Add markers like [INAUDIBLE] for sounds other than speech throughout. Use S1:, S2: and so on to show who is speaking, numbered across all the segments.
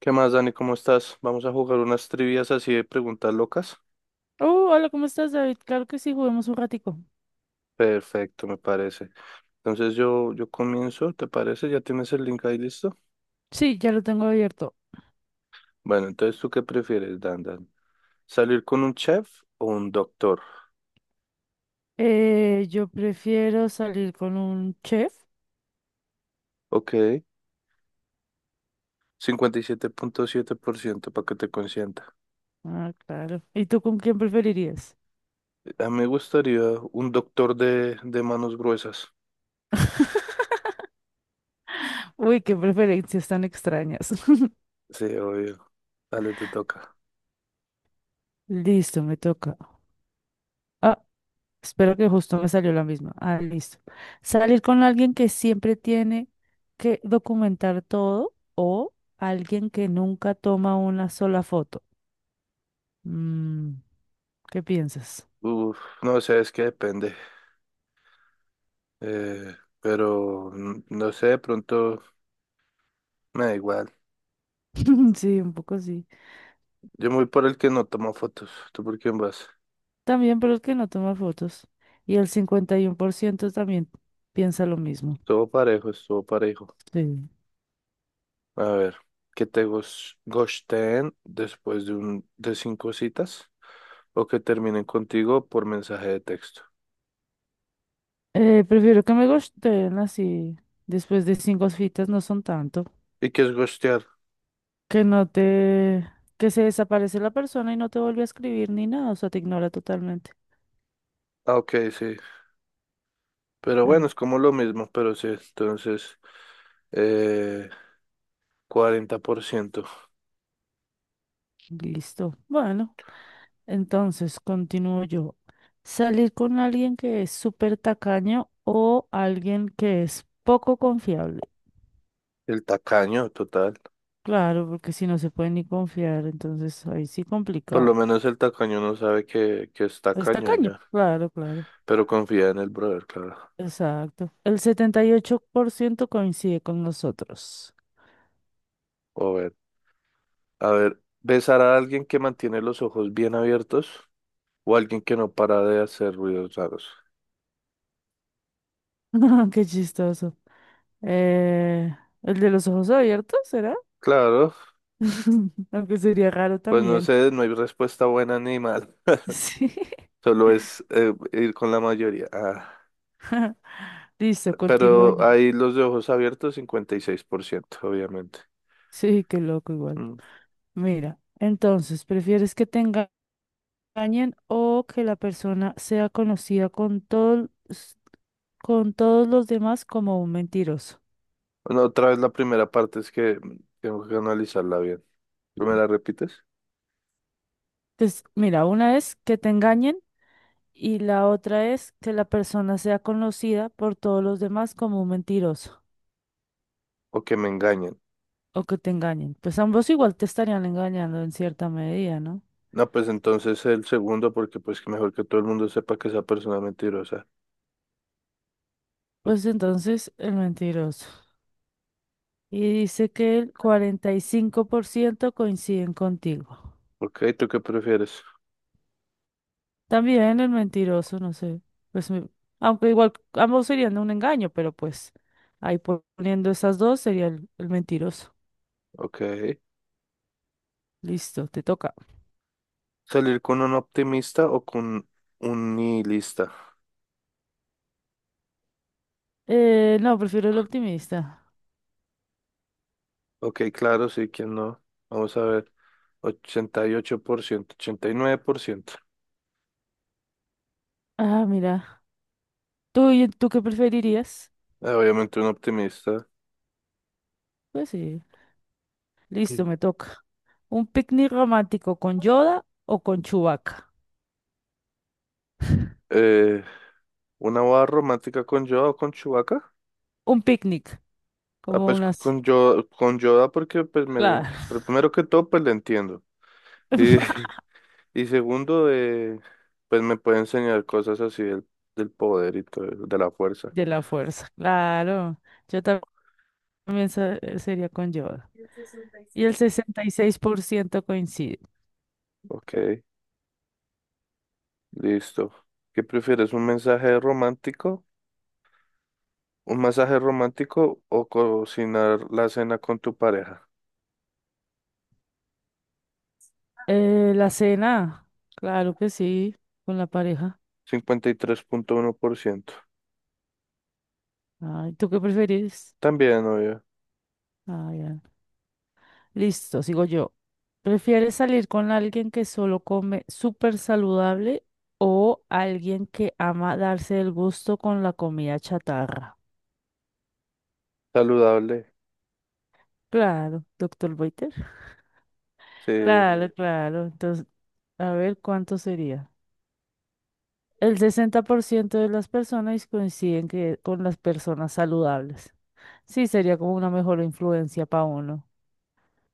S1: ¿Qué más, Dani? ¿Cómo estás? Vamos a jugar unas trivias así de preguntas locas.
S2: Oh, hola, ¿cómo estás, David? Claro que sí, juguemos un ratico.
S1: Perfecto, me parece. Entonces yo comienzo, ¿te parece? ¿Ya tienes el link ahí listo?
S2: Sí, ya lo tengo abierto.
S1: Bueno, entonces ¿tú qué prefieres, Dan Dan? ¿Salir con un chef o un doctor?
S2: Yo prefiero salir con un chef.
S1: Ok, 57,7% para que te consienta.
S2: Ah, claro. ¿Y tú con quién preferirías?
S1: A mí me gustaría un doctor de manos gruesas.
S2: [LAUGHS] Uy, qué preferencias tan extrañas. [LAUGHS]
S1: Sí, obvio. Dale, te toca.
S2: Listo, me toca. Ah, espero que justo me salió la misma. Ah, listo. Salir con alguien que siempre tiene que documentar todo o alguien que nunca toma una sola foto. Mm, ¿Qué piensas?
S1: Uf, no sé, es que depende. Eh, pero no sé, de pronto. Me da igual.
S2: [LAUGHS] Sí, un poco sí.
S1: Yo me voy por el que no toma fotos. ¿Tú por quién vas?
S2: También, pero el que no toma fotos. Y el 51% también piensa lo mismo.
S1: Estuvo parejo, estuvo parejo.
S2: Sí.
S1: A ver, ¿que te ghosteen después de cinco citas? ¿O que terminen contigo por mensaje de texto?
S2: Prefiero que me gusteen así. Después de cinco citas no son tanto.
S1: ¿Y qué es ghostear?
S2: Que no te... Que se desaparece la persona y no te vuelve a escribir ni nada. O sea, te ignora totalmente.
S1: Ah, ok, sí. Pero
S2: Em,
S1: bueno, es como lo mismo, pero sí. Entonces, eh, 40%.
S2: Listo. Bueno, entonces continúo yo. Salir con alguien que es súper tacaño o alguien que es poco confiable.
S1: El tacaño, total.
S2: Claro, porque si no se puede ni confiar, entonces ahí sí
S1: Por lo
S2: complicado.
S1: menos el tacaño no sabe que es
S2: Es
S1: tacaño
S2: tacaño.
S1: ya.
S2: Claro, claro.
S1: Pero confía en el brother, claro.
S2: Exacto. El 78% coincide con nosotros.
S1: O A ver, besar a alguien que mantiene los ojos bien abiertos o alguien que no para de hacer ruidos raros.
S2: [LAUGHS] Qué chistoso. Eh, ¿El de los ojos abiertos será?
S1: Claro,
S2: [LAUGHS] Aunque sería raro
S1: pues no
S2: también.
S1: sé, no hay respuesta buena ni mala. [LAUGHS]
S2: Sí.
S1: Solo es ir con la mayoría. Ah,
S2: [LAUGHS] Listo, continúo
S1: pero
S2: yo.
S1: ahí los de ojos abiertos, 56% obviamente.
S2: Sí, qué loco igual.
S1: Mm.
S2: Mira, entonces, ¿prefieres que tenga engañen o que la persona sea conocida con todos los demás como un mentiroso.
S1: Bueno, otra vez la primera parte es que tengo que analizarla bien. ¿Me la repites?
S2: Entonces, mira, una es que te engañen y la otra es que la persona sea conocida por todos los demás como un mentiroso
S1: ¿O que me engañen?
S2: o que te engañen. Pues ambos igual te estarían engañando en cierta medida, ¿no?
S1: No, pues entonces el segundo, porque pues que mejor que todo el mundo sepa que esa persona es mentirosa. O-
S2: Pues entonces, el mentiroso. Y dice que el 45% coinciden contigo.
S1: Ok, ¿tú qué prefieres?
S2: También el mentiroso, no sé. Pues, aunque igual ambos serían de un engaño, pero pues ahí poniendo esas dos sería el mentiroso.
S1: Ok.
S2: Listo, te toca.
S1: ¿Salir con un optimista o con un nihilista?
S2: No, prefiero el optimista.
S1: Ok, claro, sí, ¿quién no? Vamos a ver. 88%, 89%.
S2: Ah, mira. ¿Tú qué preferirías?
S1: Obviamente un optimista.
S2: Pues sí. Listo, me
S1: [CLEARS THROAT]
S2: toca. ¿Un picnic romántico con Yoda o con Chewbacca?
S1: Eh, ¿Una boda romántica con Yoda o con Chewbacca?
S2: Un picnic,
S1: Ah,
S2: como
S1: pues
S2: unas...
S1: con Yoda porque pues me,
S2: Claro.
S1: pero primero que todo pues le entiendo. Y,
S2: [LAUGHS]
S1: [LAUGHS] y segundo, pues me puede enseñar cosas así del poder y todo, eso, de la fuerza.
S2: De la fuerza, claro. Yo también sería con Yoda. Y el 66% coincide.
S1: Ok. Listo. ¿Qué prefieres? ¿Un mensaje romántico? ¿Un masaje romántico o cocinar la cena con tu pareja?
S2: La cena, claro que sí, con la pareja.
S1: 53,1%.
S2: Ay, ¿tú qué preferís?
S1: También, obvio.
S2: Listo, sigo yo. ¿Prefieres salir con alguien que solo come súper saludable o alguien que ama darse el gusto con la comida chatarra?
S1: Saludable.
S2: Claro, doctor Boiter.
S1: Sí,
S2: Claro, [LAUGHS] claro. Entonces, a ver cuánto sería. El 60% de las personas coinciden que con las personas saludables. Sí, sería como una mejor influencia para uno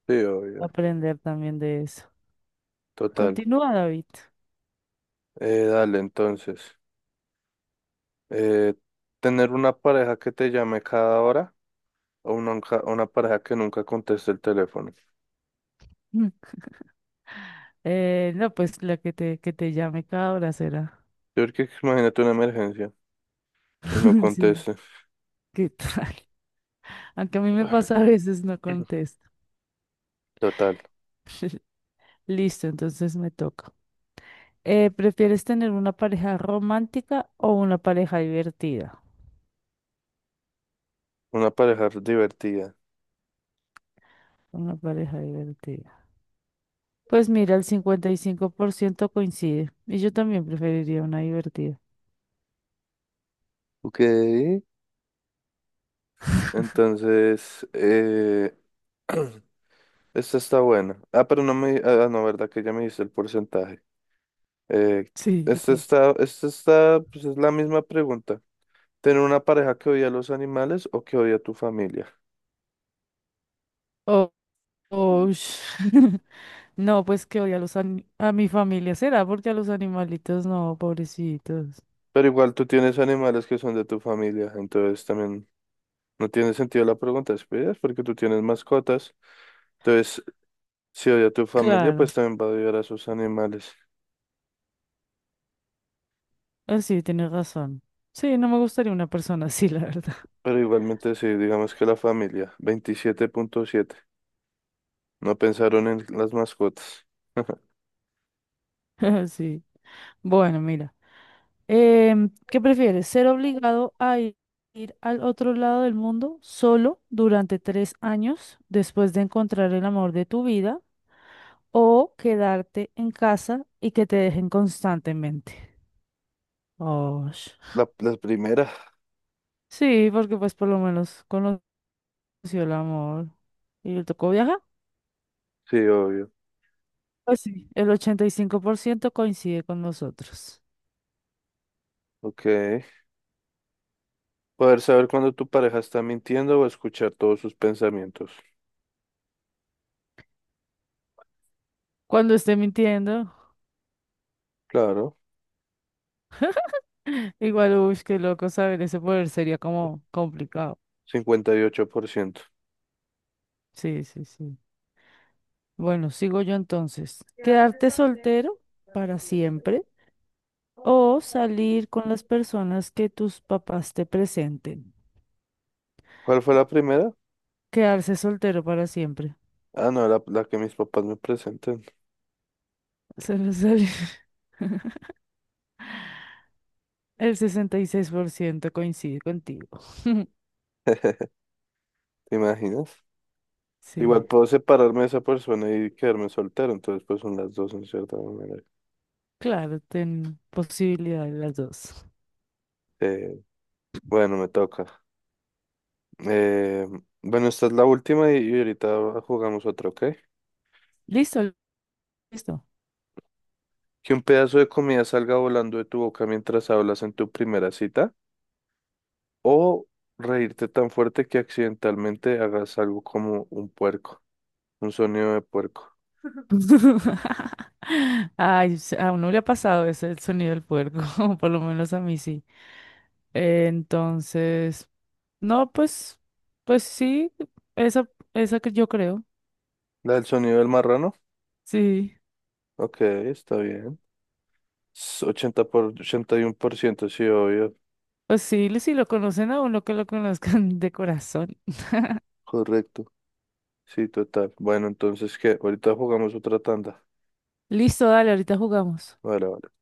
S1: sí, obvio.
S2: aprender también de eso.
S1: Total.
S2: Continúa, David.
S1: Dale, entonces. Eh, ¿Tener una pareja que te llame cada hora o una pareja que nunca conteste el teléfono?
S2: [LAUGHS] No, pues la que te llame cada hora será.
S1: Yo creo que imagínate una emergencia y no
S2: [LAUGHS] Sí,
S1: conteste.
S2: ¿qué tal? Aunque a mí me pasa a veces no contesto.
S1: Total.
S2: Listo, entonces me toca. ¿Prefieres tener una pareja romántica o una pareja divertida?
S1: Una pareja divertida.
S2: Una pareja divertida. Pues mira, el 55% coincide. Y yo también preferiría una divertida.
S1: Ok. Entonces, [CLEARS THROAT] esta está buena. Ah, no, verdad que ya me dice el porcentaje. Eh,
S2: Sí, ya
S1: esta
S2: te...
S1: está, esta está, pues es la misma pregunta. ¿Tener una pareja que odia a los animales o que odia a tu familia?
S2: Oh, oh, [LAUGHS] No, pues que odia a los a mi familia. ¿Será porque a los animalitos no, pobrecitos?
S1: Pero igual tú tienes animales que son de tu familia, entonces también no tiene sentido la pregunta, ¿sí? Porque tú tienes mascotas, entonces si odia a tu familia,
S2: Claro.
S1: pues también va a odiar a sus animales.
S2: Ah, sí, tienes razón. Sí, no me gustaría una persona así, [LAUGHS] la verdad.
S1: Pero igualmente sí, digamos que la familia, 27,7. No pensaron en las mascotas. [LAUGHS]
S2: [LAUGHS] Sí. Bueno, mira. ¿Qué prefieres? ¿Ser obligado a ir al otro lado del mundo solo durante 3 años después de encontrar el amor de tu vida o quedarte en casa y que te dejen constantemente? Oh,
S1: La primera.
S2: sí, porque pues por lo menos conoció el amor y le tocó viajar.
S1: Sí, obvio.
S2: Pues sí, el 85% coincide con nosotros.
S1: Ok. Poder saber cuando tu pareja está mintiendo o escuchar todos sus pensamientos.
S2: Cuando esté mintiendo,
S1: Claro,
S2: [LAUGHS] igual, uy, qué loco saber ese poder, sería como complicado.
S1: 58%.
S2: Sí, sí, sí. Bueno, sigo yo entonces. ¿Quedarte soltero para siempre o salir con las personas que tus papás te presenten?
S1: ¿Cuál fue la primera?
S2: Quedarse soltero para siempre.
S1: Ah, no, la que mis papás me presenten.
S2: [LAUGHS] Se me sale- [LAUGHS] El 66% coincide contigo. [LAUGHS]
S1: ¿Te imaginas?
S2: Sí,
S1: Igual puedo separarme de esa persona y quedarme soltero, entonces pues son las dos en cierta manera.
S2: claro, ten posibilidad de las dos.
S1: Eh, bueno, me toca. Eh, bueno, esta es la última y ahorita jugamos otra, ¿ok?
S2: Listo, listo.
S1: Que un pedazo de comida salga volando de tu boca mientras hablas en tu primera cita. O reírte tan fuerte que accidentalmente hagas algo como un puerco, un sonido de puerco.
S2: [LAUGHS] Ay, a uno le ha pasado ese el sonido del puerco, [LAUGHS] por lo menos a mí sí. Entonces... No, pues sí, esa, esa que yo creo.
S1: ¿La del sonido del marrano?
S2: Sí,
S1: Ok, está bien. Es 80 por 81%, sí, obvio.
S2: pues sí, si lo conocen a uno que lo conozcan [LAUGHS] de corazón.
S1: Correcto. Sí, total. Bueno, entonces, ¿qué? Ahorita jugamos otra tanda.
S2: Listo, dale, ahorita jugamos.
S1: Vale, vale.